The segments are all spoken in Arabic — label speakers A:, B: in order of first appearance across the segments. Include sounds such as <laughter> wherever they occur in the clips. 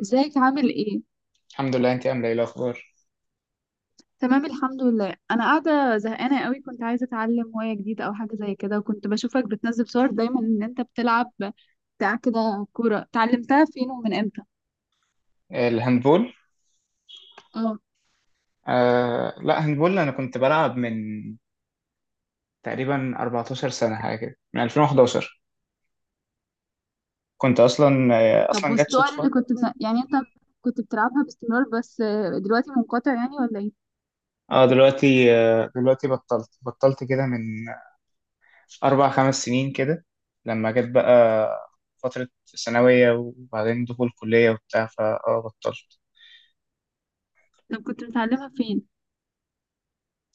A: ازيك؟ عامل ايه؟
B: الحمد لله. انت عامله ايه الاخبار؟
A: تمام الحمد لله. انا قاعده زهقانه قوي، كنت عايزه اتعلم هوايه جديده او حاجه زي كده، وكنت بشوفك بتنزل صور دايما ان انت بتلعب بتاع كده كوره. اتعلمتها فين ومن امتى؟
B: الهاندبول.
A: اه.
B: آه لا، هاندبول. انا كنت بلعب من تقريبا 14 سنه حاجه كده، من 2011. كنت اصلا آه
A: طب
B: اصلا جت
A: والصور
B: صدفه.
A: اللي يعني انت كنت بتلعبها باستمرار، بس دلوقتي منقطع يعني ولا ايه؟
B: اه دلوقتي، دلوقتي بطلت كده من اربع خمس سنين كده، لما جت بقى فتره ثانويه وبعدين دخول كليه وبتاع، فاه بطلت.
A: طب كنت بتعلمها فين؟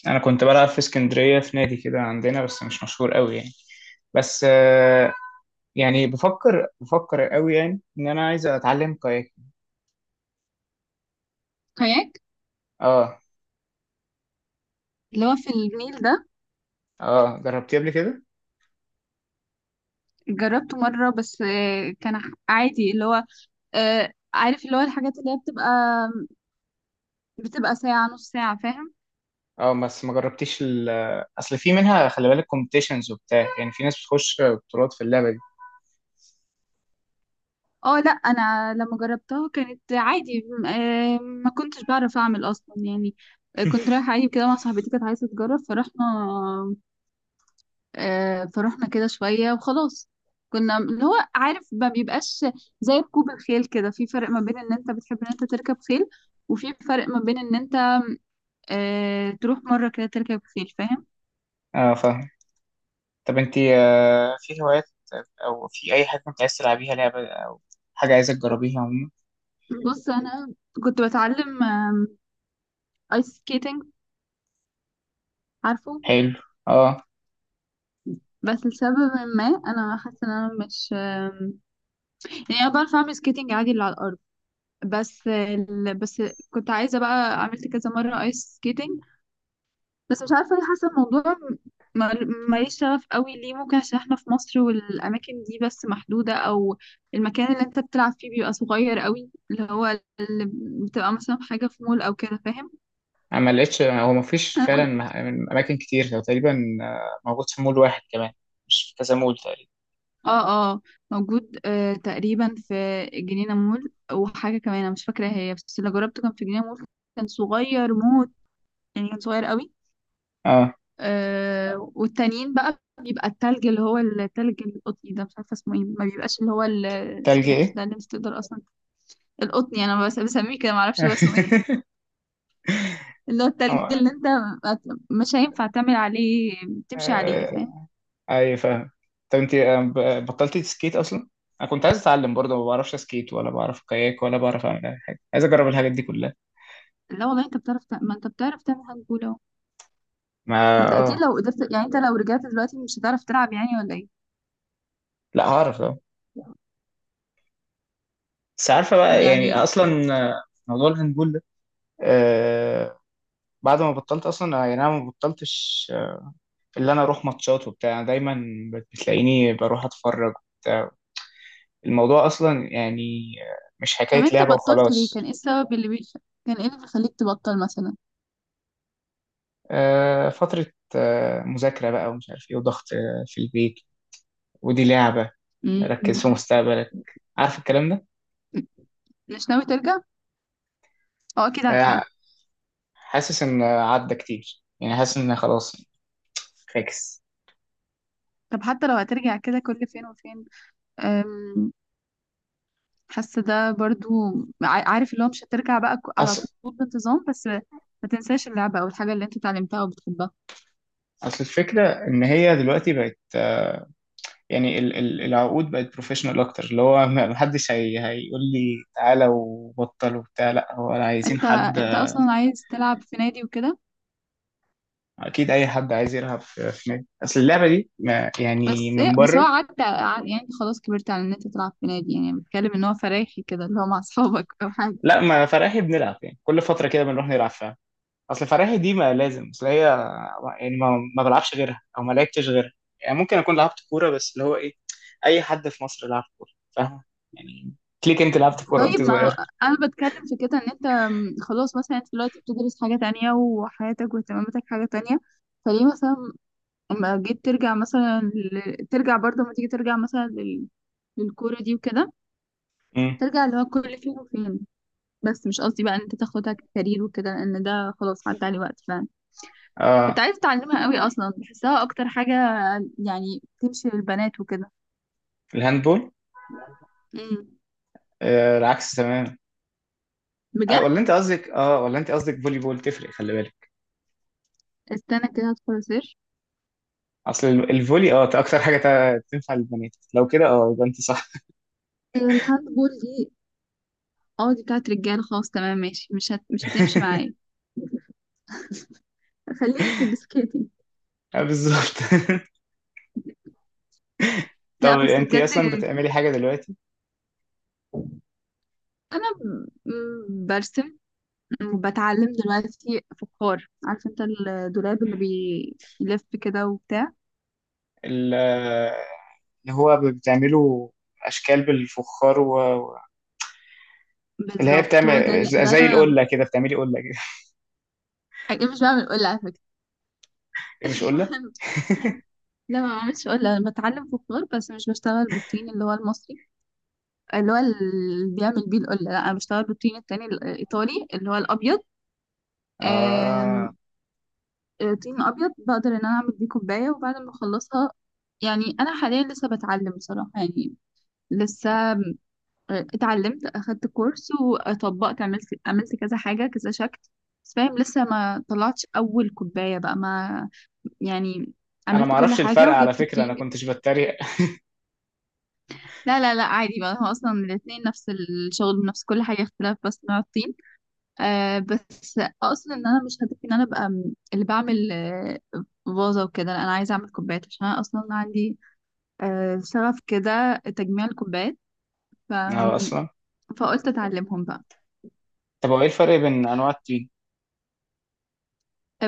B: انا كنت بلعب في اسكندريه في نادي كده عندنا، بس مش مشهور قوي يعني. بس آه، يعني بفكر قوي يعني ان انا عايز اتعلم كاياك.
A: كاياك
B: اه.
A: اللي هو في النيل ده؟
B: اه جربتيه قبل كده؟
A: جربته مره بس كان عادي، اللي هو عارف اللي هو الحاجات اللي هي بتبقى ساعه نص ساعه، فاهم.
B: اه، بس ما جربتيش اصل في منها، خلي بالك، كومبيتيشنز وبتاع، يعني في ناس بتخش بطولات في اللعبه دي.
A: اه لا، انا لما جربتها كانت عادي، ما كنتش بعرف اعمل اصلا يعني. كنت رايحه عادي كده مع صاحبتي، كانت عايزه تجرب، فرحنا فرحنا كده شويه وخلاص. كنا اللي هو، عارف، ما بيبقاش زي ركوب الخيل. كده في فرق ما بين ان انت بتحب ان انت تركب خيل، وفي فرق ما بين ان انت تروح مره كده تركب خيل، فاهم.
B: اه فاهم. طب انت في هوايات، او في اي حاجه كنت عايز تلعبيها، لعبه او حاجه عايزه تجربيها عموما؟
A: بص، انا كنت بتعلم ايس سكيتنج، عارفه.
B: حلو. اه.
A: بس لسبب ما انا حاسه ان انا مش، يعني انا بعرف اعمل سكيتنج عادي اللي على الارض، بس كنت عايزه بقى، عملت كذا مره ايس سكيتنج، بس مش عارفه ليه حاسه الموضوع ما- ماليش شغف قوي ليه. ممكن عشان احنا في مصر، والاماكن دي بس محدوده، او المكان اللي انت بتلعب فيه بيبقى صغير قوي، اللي هو اللي بتبقى مثلا حاجه في مول او كده، فاهم.
B: انا ما لقيتش، هو ما فيش
A: انا
B: فعلا
A: كنت،
B: من اماكن كتير، هو تقريبا موجود في مول واحد كمان، مش في كذا مول تقريبا.
A: اه اه. موجود آه تقريبا في جنينه مول وحاجه كمان انا مش فاكره هي، بس اللي جربته كان في جنينه مول. كان صغير موت، يعني كان صغير قوي.
B: اه.
A: آه، والتانيين بقى بيبقى التلج اللي هو التلج القطني ده، مش عارفه اسمه ايه، ما بيبقاش
B: تلج
A: اسمه. مش
B: ايه؟
A: ده اللي مش تقدر اصلا. القطني انا بس بسميه كده، ما اعرفش هو اسمه ايه، اللي هو التلج اللي
B: <laughs>
A: انت ما- مش هينفع تعمل عليه، تمشي عليه،
B: اه.
A: فاهم.
B: اي فاهم. طب انت بطلتي تسكيت اصلا؟ انا كنت عايز اتعلم برضه، ما بعرفش اسكيت ولا بعرف كاياك ولا بعرف اعمل اي حاجه، عايز اجرب الحاجات دي كلها.
A: لا والله، انت بتعرف ما انت بتعرف تعمل هاند بول اهو.
B: ما
A: ما انت اكيد
B: اه.
A: لو قدرت، يعني انت لو رجعت دلوقتي مش هتعرف تلعب يعني ولا ايه؟
B: لا، هعرف اه. بس عارفه بقى
A: يعني
B: يعني اصلا موضوع الهاندبول ده. آه. بعد ما بطلت اصلا، يعني انا ما بطلتش. اللي انا اروح ماتشات وبتاع، أنا دايما بتلاقيني بروح اتفرج وبتاع. الموضوع اصلا يعني مش
A: طب
B: حكايه
A: انت
B: لعبه
A: بطلت ليه؟ كان
B: وخلاص.
A: ايه السبب كان ايه اللي بيخليك تبطل مثلا؟
B: فتره مذاكره بقى ومش عارف ايه وضغط في البيت. ودي لعبه، ركز في
A: امم
B: مستقبلك، عارف الكلام ده.
A: مش ناوي ترجع؟ اه، اكيد عارفاه.
B: آه، حاسس ان عدى كتير، يعني حاسس ان خلاص فاكس.
A: طب حتى لو هترجع كده كل فين وفين، أم، حاسة ده برضو، عارف اللي هو مش هترجع بقى على
B: اصل
A: طول بانتظام، بس ما تنساش اللعبة أو الحاجة اللي انت اتعلمتها وبتحبها.
B: اصل الفكره ان هي دلوقتي بقت، يعني ال العقود بقت بروفيشنال اكتر، اللي هو ما حدش هيقول لي تعالى وبطل وبتاع، لا هو عايزين
A: انت
B: حد.
A: انت أصلا عايز تلعب في نادي وكده؟
B: اكيد اي حد عايز يلعب في نادي، اصل اللعبه دي ما يعني
A: بس ايه،
B: من
A: بس هو
B: بره.
A: عدى يعني انت خلاص كبرت على ان انت تلعب في نادي، يعني بتكلم ان هو فرايحي كده اللي هو مع <laughs> اصحابك او حاجة.
B: لا ما فرقها، بنلعب يعني كل فتره كده بنروح نلعب فيها. اصل فراهي دي ما لازم، اصل هي يعني ما بلعبش غيرها او ما لعبتش غيرها. يعني ممكن اكون لعبت كوره، بس اللي هو ايه، اي حد في مصر لعب كوره فاهم. يعني ليك انت لعبت كوره
A: طيب،
B: وانت
A: ما
B: صغير.
A: هو انا بتكلم في كده ان انت، خلاص مثلا انت دلوقتي بتدرس حاجة تانية، وحياتك واهتماماتك حاجة تانية. فليه مثلا اما جيت ترجع مثلا ترجع، برضه لما تيجي ترجع مثلا للكورة دي وكده،
B: امم.
A: ترجع اللي هو كل فين وفين. بس مش قصدي بقى ان انت تاخدها كارير وكده، لان ده خلاص عدى عليه وقت فعلا. كنت
B: اه.
A: عايزة اتعلمها قوي اصلا، بحسها اكتر حاجة يعني تمشي للبنات وكده.
B: الهاندبول.
A: امم.
B: آه العكس تماما. آه،
A: بجد؟
B: ولا انت قصدك فولي بول؟ تفرق، خلي بالك.
A: استنى كده هدخل اسيرش.
B: اصل الفولي، اكتر حاجه تنفع للبنات، لو كده اه يبقى انت صح.
A: هي الهاند بول دي؟ اه، دي بتاعت رجالة، خلاص تمام ماشي، مش هتمشي
B: <laughs>
A: معايا. خليني في السكيتنج.
B: بالظبط. <laughs>
A: لا
B: طب
A: بس
B: انت
A: بجد.
B: اصلا بتعملي حاجه دلوقتي؟
A: انا برسم، بتعلم دلوقتي فخار. عارف انت الدولاب اللي بيلف كده وبتاع؟
B: ال- اللي هو بتعمله اشكال بالفخار و- اللي هي
A: بالظبط، هو ده
B: بتعمل
A: ده
B: زي
A: انا.
B: القله كده، بتعملي قله كده؟
A: حقيقي مش بعمل قلة على فكرة.
B: <laughs> ايه، مش قله؟
A: <laughs> لا ما بعملش قلة، انا بتعلم فخار بس مش بشتغل بالطين اللي هو المصري، اللي بيعمل بيه القلة. لا، انا بشتغل بالطين التاني الايطالي اللي هو الابيض. آم،
B: اه
A: آه، طين ابيض، بقدر ان انا اعمل بيه كوباية وبعد ما اخلصها. يعني انا حاليا لسه بتعلم بصراحة، يعني لسه اتعلمت، اخدت كورس، وطبقت، عملت كذا حاجة، كذا شكل. بس فاهم، لسه ما طلعتش اول كوباية بقى، ما يعني
B: انا ما
A: عملت كل
B: اعرفش
A: حاجة،
B: الفرق على
A: وجبت
B: فكره، انا
A: الطين، جبت.
B: كنتش بتريق.
A: لا لا لا، عادي بقى، هو اصلا الاتنين نفس الشغل، نفس كل حاجة، اختلاف بس نوع الطين. آه بس اقصد ان انا مش هدفي ان انا ابقى، اللي بعمل آه فازة وكده. لا، انا عايزة اعمل كوبايات، عشان انا اصلا عندي آه شغف كده تجميع الكوبايات. ف...
B: <laughs> اه اصلا.
A: فقلت اتعلمهم بقى.
B: طب هو ايه الفرق بين انواع التين؟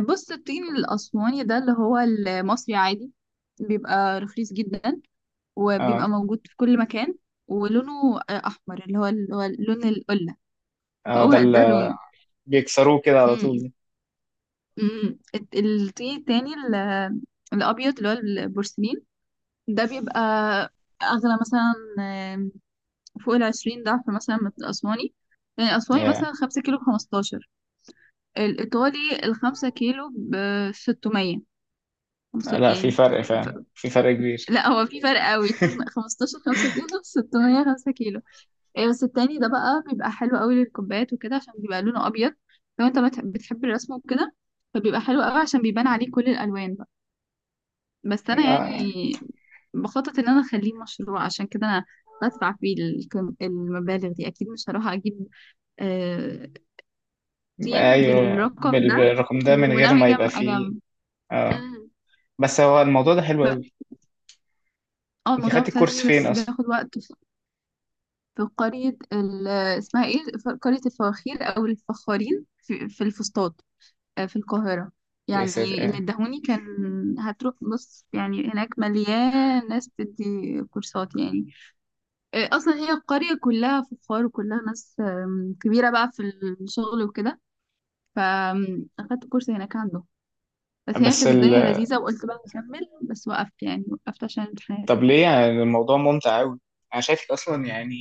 A: بص، الطين الأسواني ده اللي هو المصري عادي، بيبقى رخيص جدا،
B: اه.
A: وبيبقى موجود في كل مكان، ولونه أحمر اللي هو لون القلة.
B: اه
A: هو
B: ده
A: ده
B: اللي
A: لونه.
B: بيكسروه كده على
A: مم.
B: طول.
A: مم. الطين التاني الأبيض اللي هو البورسلين، ده بيبقى أغلى مثلا، آم، فوق العشرين ضعف مثلا من الأسواني. يعني الأسواني
B: يا،
A: مثلا خمسة كيلو بخمستاشر، الإيطالي الخمسة كيلو بستمية.
B: لا في
A: يعني
B: فرق فعلا، في فرق كبير.
A: لا هو في فرق <laughs> قوي. 15 5 كيلو، 600 5 كيلو. ايه، بس التاني ده بقى بيبقى حلو قوي للكوبايات وكده، عشان بيبقى لونه ابيض. لو انت بتحب الرسم وكده، فبيبقى حلو قوي عشان بيبان عليه كل الالوان بقى. بس انا يعني
B: آه.
A: بخطط ان انا اخليه مشروع، عشان كده انا بدفع فيه المبالغ دي، اكيد مش هروح اجيب آه، طين
B: ايوه،
A: بالرقم ده.
B: بالرقم ده، من غير
A: وناوي
B: ما يبقى
A: اجمع اجمع.
B: فيه. اه.
A: مم.
B: بس هو الموضوع ده حلو
A: ب-
B: قوي.
A: اه
B: انت
A: الموضوع
B: خدت الكورس
A: مسلي
B: فين
A: بس
B: اصلا؟
A: بياخد وقت. في قرية اسمها ايه، قرية الفواخير أو الفخارين في الفسطاط، في القاهرة.
B: يا ساتر
A: يعني اللي
B: آه.
A: ادهوني كان. هتروح بص، يعني هناك مليان ناس بتدي كورسات يعني. أصلا هي القرية كلها فخار، وكلها ناس، كبيرة بقى في الشغل وكده. فأخدت كورس هناك عنده. بس يعني
B: بس
A: كانت
B: ال
A: الدنيا لذيذة، وقلت بقى نكمل، بس وقفت، يعني وقفت عشان الامتحان.
B: طب ليه؟ يعني الموضوع ممتع قوي، انا شايفك اصلا يعني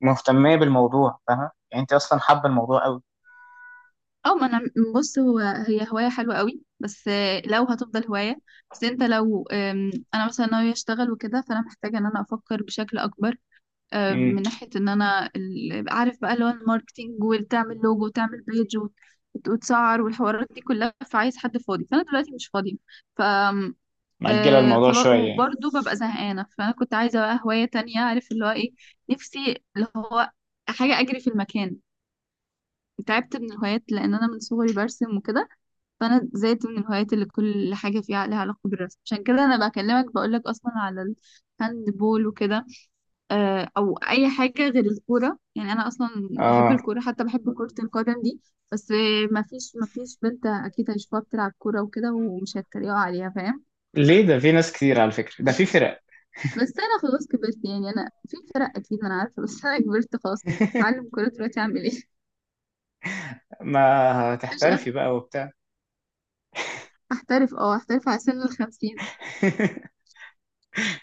B: مهتمه بالموضوع، فاهمه يعني انت اصلا حابه الموضوع قوي.
A: اه، ما انا، بص، هو هي هواية حلوة قوي، بس لو هتفضل هواية. بس انت لو، انا مثلا ناوية اشتغل وكده، فانا محتاجة ان انا افكر بشكل اكبر.
B: امم.
A: من ناحية ان انا عارف بقى اللي هو الماركتينج، وتعمل لوجو، وتعمل بيج، وتسعر، والحوارات دي كلها. فعايز حد فاضي، فانا دلوقتي مش فاضية. ف آم،
B: مأجله
A: آه،
B: الموضوع
A: خلاص،
B: شويه يعني.
A: وبرضه ببقى زهقانة، فانا كنت عايزة بقى هواية تانية. عارف اللي هو ايه؟ نفسي اللي هو حاجة اجري في المكان. تعبت من الهوايات، لان انا من صغري برسم وكده، فانا زيت من الهوايات اللي كل حاجه فيها لها علاقه بالرسم. عشان كده انا بكلمك، بقول لك اصلا على الهاند بول وكده، او اي حاجه غير الكوره. يعني انا اصلا بحب
B: اه،
A: الكوره، حتى بحب كره القدم دي، بس ما فيش بنت اكيد هيشوفها بتلعب كوره وكده ومش هيتريقوا عليها، فاهم.
B: ليه؟ ده في ناس كتير على فكره، ده في فرق.
A: بس انا خلاص كبرت يعني، انا في فرق اكيد، انا عارفه، بس انا كبرت خلاص. اتعلم
B: <laughs>
A: كوره دلوقتي اعمل ايه؟
B: ما
A: <laughs> مش أنا-
B: هتحترفي بقى وبتاع.
A: احترف؟ اه احترف على سن الخمسين؟
B: <laughs>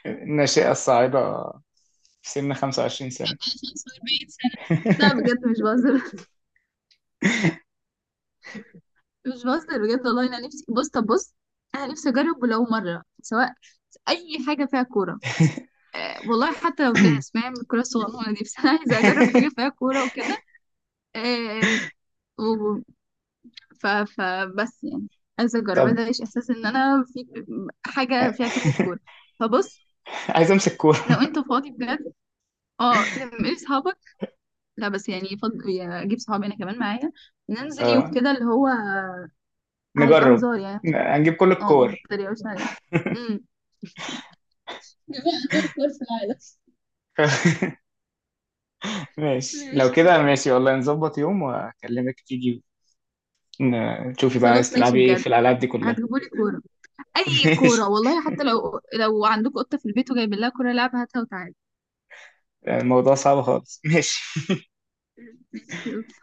B: الناشئه الصاعده في سن 25
A: لا
B: سنه.
A: 45 سنه. لا بجد مش بهزر، بجد، والله انا نفسي. بص طب بص، انا نفسي اجرب ولو مره، سواء اي حاجه فيها كوره. والله حتى لو تنس،
B: <laughs>
A: فاهم، الكوره الصغنونه دي، بس انا عايزه اجرب حاجه فيها كوره وكده. آه و... ف... فبس يعني، عايزه اجرب،
B: طب
A: عايزه اعيش احساس ان انا في حاجه فيها كلمه كوره. فبص،
B: عايز امسك
A: لو
B: كوره.
A: انت فاضي بجد، اه، لما اصحابك، لا بس يعني يعني اجيب صحابي انا كمان معايا، ننزل يوم
B: اه
A: كده اللي هو هيبقى
B: نجرب.
A: هزار يعني
B: هنجيب كل
A: اه، ما
B: الكور.
A: تتريقوش عليا بقى كورة في العالم.
B: <laughs> ماشي، لو
A: ماشي،
B: كده ماشي والله، نظبط يوم واكلمك تيجي. تشوفي بقى،
A: خلاص
B: عايز
A: ماشي
B: تلعبي ايه
A: بجد.
B: في الالعاب دي كلها.
A: هتجيبولي كورة،
B: <laughs>
A: أي
B: ماشي.
A: كورة، والله حتى لو عندك قطة في البيت وجايبين لها كورة لعبة، هاتها وتعالي.
B: الموضوع صعب خالص، ماشي.
A: ماشي أوكي.